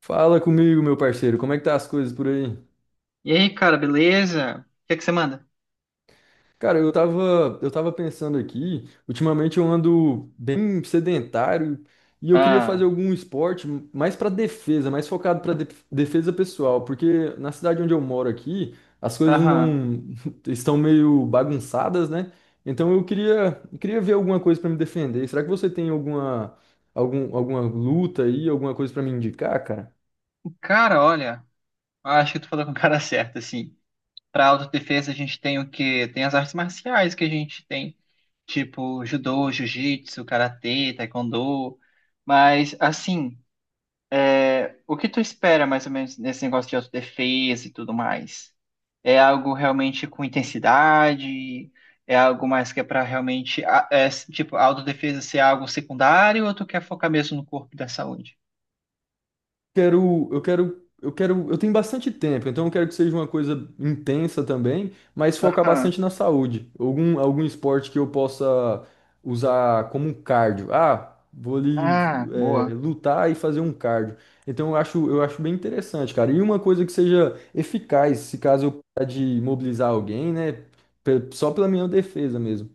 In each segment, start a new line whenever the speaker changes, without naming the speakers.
Fala comigo, meu parceiro, como é que tá as coisas por aí?
E aí, cara, beleza? O que é que você manda?
Cara, eu tava pensando aqui, ultimamente eu ando bem sedentário e eu queria
Ah,
fazer algum esporte mais pra defesa, mais focado pra defesa pessoal, porque na cidade onde eu moro aqui, as coisas
aham.
não estão meio bagunçadas, né? Então eu queria ver alguma coisa pra me defender. Será que você tem alguma luta aí, alguma coisa pra me indicar, cara?
Cara, olha, acho que tu falou com o cara certo, assim. Pra autodefesa a gente tem o quê? Tem as artes marciais que a gente tem, tipo judô, jiu-jitsu, karatê, taekwondo. Mas, assim, é, o que tu espera mais ou menos nesse negócio de autodefesa e tudo mais? É algo realmente com intensidade? É algo mais que é pra realmente, tipo, a autodefesa ser algo secundário ou tu quer focar mesmo no corpo e da saúde?
Quero, eu quero, eu tenho bastante tempo, então eu quero que seja uma coisa intensa também, mas focar
Aham.
bastante na saúde. Algum esporte que eu possa usar como um cardio. Ah, vou ali,
Ah, boa.
lutar e fazer um cardio. Então eu acho bem interessante, cara. E uma coisa que seja eficaz, se caso eu precisar de mobilizar alguém, né? Só pela minha defesa mesmo.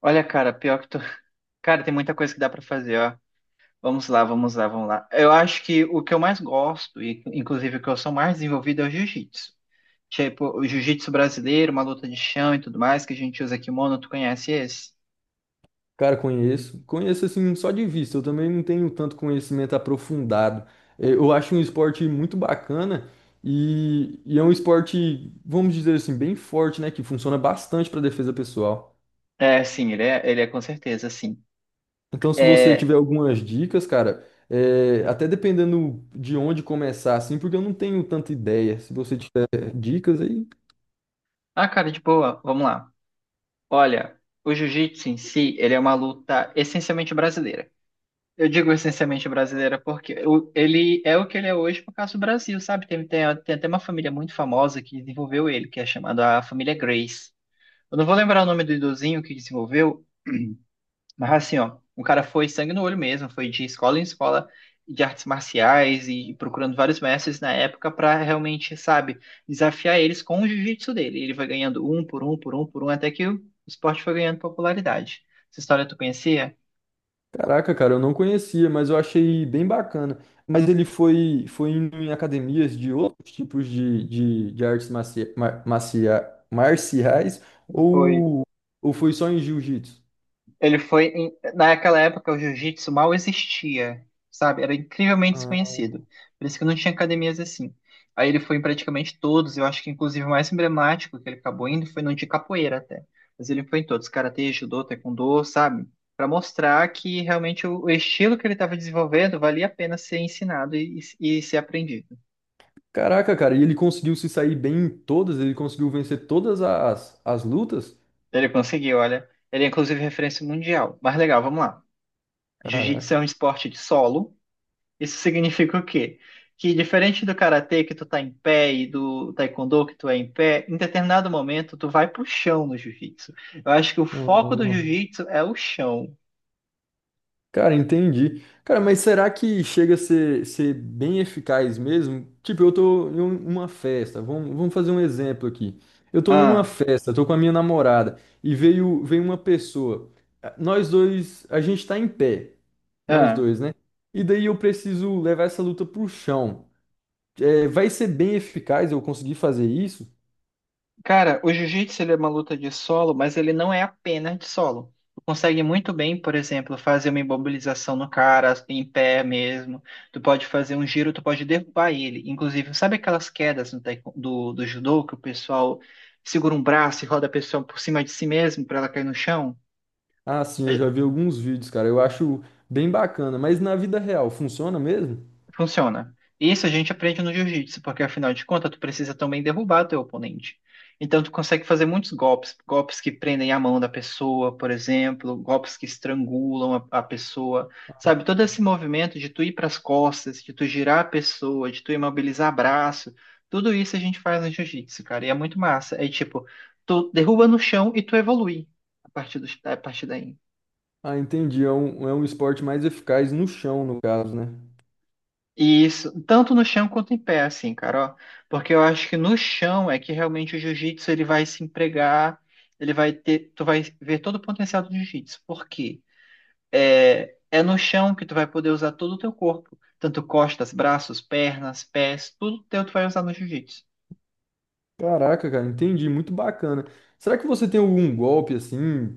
Olha, cara, pior que tu. Cara, tem muita coisa que dá pra fazer, ó. Vamos lá, vamos lá, vamos lá. Eu acho que o que eu mais gosto, e inclusive o que eu sou mais desenvolvido é o jiu-jitsu. Tipo, o jiu-jitsu brasileiro, uma luta de chão e tudo mais, que a gente usa kimono, tu conhece esse?
Cara, conheço. Conheço assim só de vista. Eu também não tenho tanto conhecimento aprofundado. Eu acho um esporte muito bacana e é um esporte, vamos dizer assim, bem forte, né? Que funciona bastante para defesa pessoal.
É, sim, ele é com certeza, sim.
Então, se você
É...
tiver algumas dicas, cara, até dependendo de onde começar, assim, porque eu não tenho tanta ideia. Se você tiver dicas aí.
Ah, cara, de boa, vamos lá. Olha, o jiu-jitsu em si, ele é uma luta essencialmente brasileira. Eu digo essencialmente brasileira porque ele é o que ele é hoje por causa do Brasil, sabe? Tem até uma família muito famosa que desenvolveu ele, que é chamada a família Grace. Eu não vou lembrar o nome do idosinho que desenvolveu, mas assim, ó, o cara foi sangue no olho mesmo, foi de escola em escola de artes marciais e procurando vários mestres na época para realmente, sabe, desafiar eles com o jiu-jitsu dele. Ele vai ganhando um por um, por um, por um, até que o esporte foi ganhando popularidade. Essa história tu conhecia?
Caraca, cara, eu não conhecia, mas eu achei bem bacana. Mas ele foi, foi indo em academias de outros tipos de artes marcia, mar- marcia- marciais
Foi.
ou, ou foi só em jiu-jitsu?
Ele foi. Naquela época, o jiu-jitsu mal existia, sabe? Era incrivelmente
Ah.
desconhecido. Por isso que não tinha academias assim. Aí ele foi em praticamente todos. Eu acho que, inclusive, o mais emblemático que ele acabou indo foi no de capoeira até. Mas ele foi em todos: karatê, judô, taekwondo, sabe? Para mostrar que realmente o estilo que ele estava desenvolvendo valia a pena ser ensinado e ser aprendido.
Caraca, cara, e ele conseguiu se sair bem em todas? Ele conseguiu vencer todas as lutas?
Ele conseguiu, olha. Ele é, inclusive, referência mundial. Mas legal, vamos lá. Jiu-jitsu é
Caraca.
um esporte de solo. Isso significa o quê? Que diferente do karatê que tu tá em pé e do taekwondo que tu é em pé, em determinado momento tu vai pro chão no jiu-jitsu. Eu acho que o foco do jiu-jitsu é o chão.
Cara, entendi. Cara, mas será que chega a ser bem eficaz mesmo? Tipo, eu tô em uma festa, vamos fazer um exemplo aqui. Eu tô em uma
Ah,
festa, tô com a minha namorada, e veio uma pessoa. Ah, nós dois, a gente tá em pé, nós
ah.
dois, né? E daí eu preciso levar essa luta pro chão. É, vai ser bem eficaz eu conseguir fazer isso?
Cara, o jiu-jitsu ele é uma luta de solo, mas ele não é apenas de solo. Tu consegue muito bem, por exemplo, fazer uma imobilização no cara, em pé mesmo. Tu pode fazer um giro, tu pode derrubar ele. Inclusive, sabe aquelas quedas no taekw- do judô que o pessoal segura um braço e roda a pessoa por cima de si mesmo para ela cair no chão?
Ah, sim, eu já vi alguns vídeos, cara, eu acho bem bacana, mas na vida real, funciona mesmo?
Funciona. Isso a gente aprende no jiu-jitsu, porque afinal de contas, tu precisa também derrubar teu oponente. Então, tu consegue fazer muitos golpes, golpes que prendem a mão da pessoa, por exemplo, golpes que estrangulam a pessoa, sabe? Todo esse movimento de tu ir para as costas, de tu girar a pessoa, de tu imobilizar braço, tudo isso a gente faz no jiu-jitsu, cara, e é muito massa. É tipo, tu derruba no chão e tu evolui a partir daí.
Ah, entendi. É é um esporte mais eficaz no chão, no caso, né?
Isso, tanto no chão quanto em pé, assim, cara, ó. Porque eu acho que no chão é que realmente o jiu-jitsu ele vai se empregar, tu vai ver todo o potencial do jiu-jitsu. Por quê? É no chão que tu vai poder usar todo o teu corpo, tanto costas, braços, pernas, pés, tudo teu tu vai usar no jiu-jitsu.
Caraca, cara, entendi. Muito bacana. Será que você tem algum golpe assim?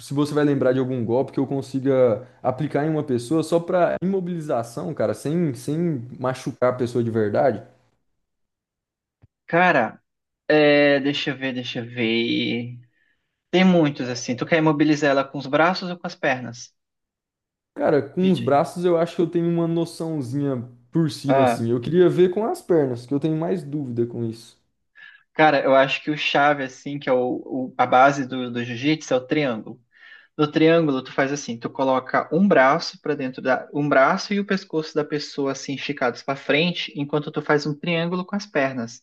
Se você vai lembrar de algum golpe que eu consiga aplicar em uma pessoa só pra imobilização, cara, sem machucar a pessoa de verdade?
Cara, é, deixa eu ver, deixa eu ver. Tem muitos assim. Tu quer imobilizar ela com os braços ou com as pernas?
Cara, com os
Vídeo aí.
braços eu acho que eu tenho uma noçãozinha por cima,
Ah,
assim. Eu queria ver com as pernas, que eu tenho mais dúvida com isso.
cara, eu acho que o chave, assim, que é a base do jiu-jitsu é o triângulo. No triângulo, tu faz assim, tu coloca um braço um braço e o pescoço da pessoa assim esticados para frente, enquanto tu faz um triângulo com as pernas,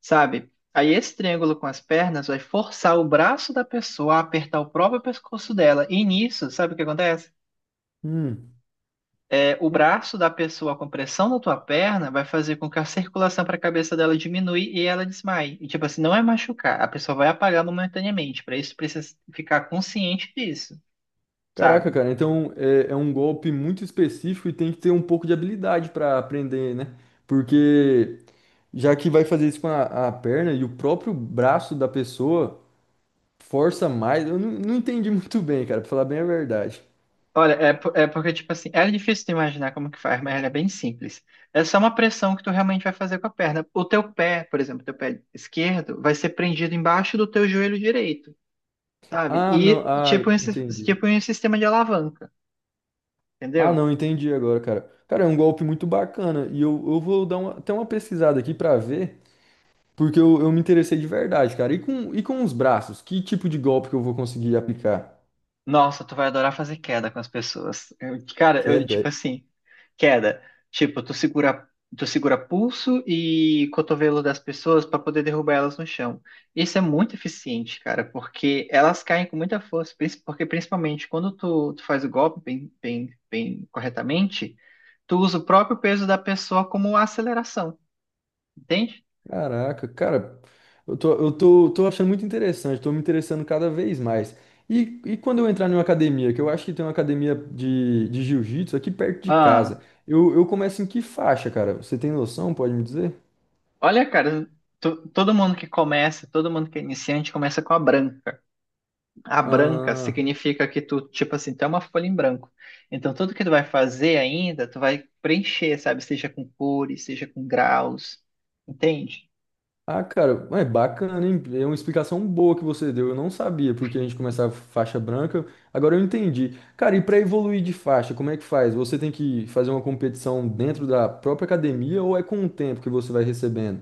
sabe? Aí esse triângulo com as pernas vai forçar o braço da pessoa a apertar o próprio pescoço dela. E nisso, sabe o que acontece?
Hum.
O braço da pessoa com pressão na tua perna vai fazer com que a circulação para a cabeça dela diminui e ela desmaie. E, tipo assim, não é machucar, a pessoa vai apagar momentaneamente. Para isso, precisa ficar consciente disso,
Caraca,
sabe?
cara, então é um golpe muito específico e tem que ter um pouco de habilidade para aprender, né? Porque já que vai fazer isso com a perna e o próprio braço da pessoa força mais, eu não, não entendi muito bem, cara, pra falar bem a verdade.
Olha, é porque, tipo assim, é difícil de imaginar como que faz, mas ela é bem simples. É só uma pressão que tu realmente vai fazer com a perna. O teu pé, por exemplo, teu pé esquerdo, vai ser prendido embaixo do teu joelho direito, sabe?
Ah, não,
E
ah, entendi.
tipo um sistema de alavanca,
Ah,
entendeu?
não, entendi agora, cara. Cara, é um golpe muito bacana e eu vou dar até uma pesquisada aqui pra ver, porque eu me interessei de verdade, cara. E com os braços, que tipo de golpe que eu vou conseguir aplicar?
Nossa, tu vai adorar fazer queda com as pessoas. Cara, eu,
Queda?
tipo assim, queda. Tipo, tu segura pulso e cotovelo das pessoas para poder derrubar elas no chão. Isso é muito eficiente, cara, porque elas caem com muita força, porque principalmente quando tu faz o golpe bem, bem, bem corretamente, tu usa o próprio peso da pessoa como aceleração, entende?
Caraca, cara, tô achando muito interessante, tô me interessando cada vez mais. E quando eu entrar numa academia, que eu acho que tem uma academia de jiu-jitsu aqui perto de casa,
Ah,
eu começo em que faixa, cara? Você tem noção, pode me dizer?
olha, cara, todo mundo que começa, todo mundo que é iniciante começa com a branca. A branca
Ah,
significa que tu, tipo assim, tu é uma folha em branco. Então, tudo que tu vai fazer ainda, tu vai preencher, sabe? Seja com cores, seja com graus, entende?
ah, cara, é bacana, hein? É uma explicação boa que você deu. Eu não sabia porque a gente começava faixa branca. Agora eu entendi. Cara, e para evoluir de faixa, como é que faz? Você tem que fazer uma competição dentro da própria academia ou é com o tempo que você vai recebendo?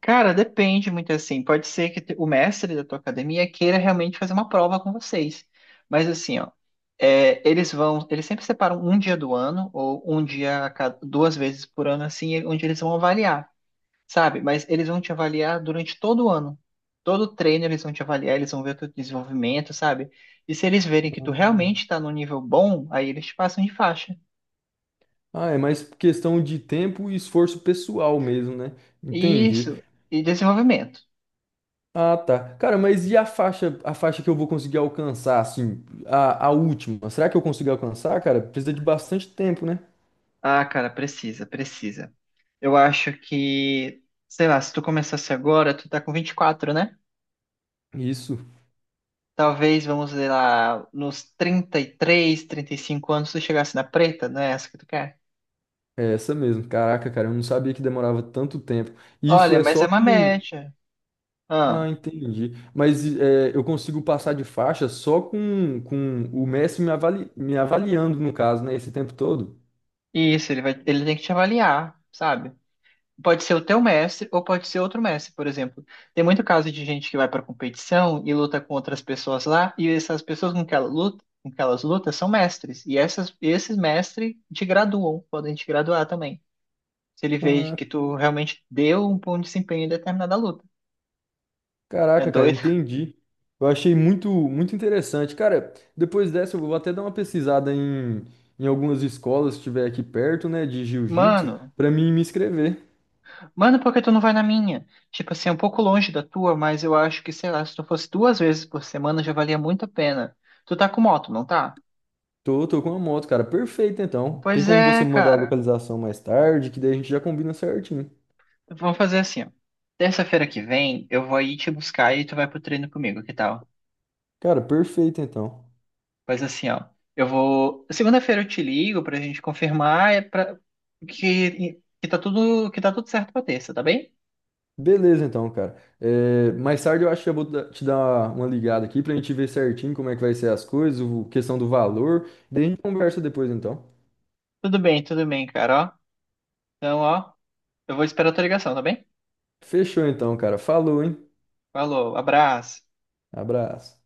Cara, depende muito assim. Pode ser que o mestre da tua academia queira realmente fazer uma prova com vocês. Mas assim, ó, eles sempre separam um dia do ano, ou um dia a cada, duas vezes por ano, assim, onde eles vão avaliar, sabe? Mas eles vão te avaliar durante todo o ano. Todo treino eles vão te avaliar, eles vão ver o teu desenvolvimento, sabe? E se eles verem que tu realmente está num nível bom, aí eles te passam de faixa.
Ah, é mais questão de tempo e esforço pessoal mesmo, né? Entendi.
Isso, e desenvolvimento.
Ah, tá. Cara, mas e a faixa que eu vou conseguir alcançar, assim, a última? Será que eu consigo alcançar, cara? Precisa de bastante tempo, né?
Ah, cara, precisa, precisa. Eu acho que, sei lá, se tu começasse agora, tu tá com 24, né?
Isso,
Talvez, vamos dizer lá, nos 30, 33, 35 anos, tu chegasse na preta, não é essa que tu quer?
é essa mesmo. Caraca, cara, eu não sabia que demorava tanto tempo. E isso
Olha,
é
mas é
só
uma
com.
média.
Ah,
Ah,
entendi. Mas é, eu consigo passar de faixa só com o mestre me me avaliando, no caso, né? Esse tempo todo?
isso, ele tem que te avaliar, sabe? Pode ser o teu mestre ou pode ser outro mestre, por exemplo. Tem muito caso de gente que vai para competição e luta com outras pessoas lá, e essas pessoas com que ela luta, com que elas lutam são mestres. E esses mestres te graduam, podem te graduar também. Se ele vê
Ah,
que tu realmente deu um bom desempenho em determinada luta. É
caraca, cara,
doido.
entendi. Eu achei muito interessante. Cara, depois dessa eu vou até dar uma pesquisada em, em algumas escolas, se tiver aqui perto, né, de jiu-jitsu,
Mano,
pra mim me inscrever.
mano, por que tu não vai na minha? Tipo assim, é um pouco longe da tua, mas eu acho que, sei lá, se tu fosse duas vezes por semana já valia muito a pena. Tu tá com moto, não tá?
Tô, tô com a moto, cara. Perfeito, então. Tem
Pois
como
é,
você me mandar a
cara.
localização mais tarde, que daí a gente já combina certinho.
Vamos fazer assim, ó. Terça-feira que vem, eu vou aí te buscar e tu vai pro treino comigo, que tal?
Cara, perfeito, então.
Faz assim, ó. Eu vou. Segunda-feira eu te ligo pra gente confirmar é pra... que... que tá tudo certo pra terça, tá bem?
Beleza, então, cara. É, mais tarde eu acho que eu vou te dar uma ligada aqui pra gente ver certinho como é que vai ser as coisas, questão do valor. Daí a gente conversa depois, então.
Tudo bem, tudo bem, cara, ó. Então, ó, eu vou esperar a tua ligação, tá bem?
Fechou, então, cara. Falou, hein?
Falou, abraço.
Abraço.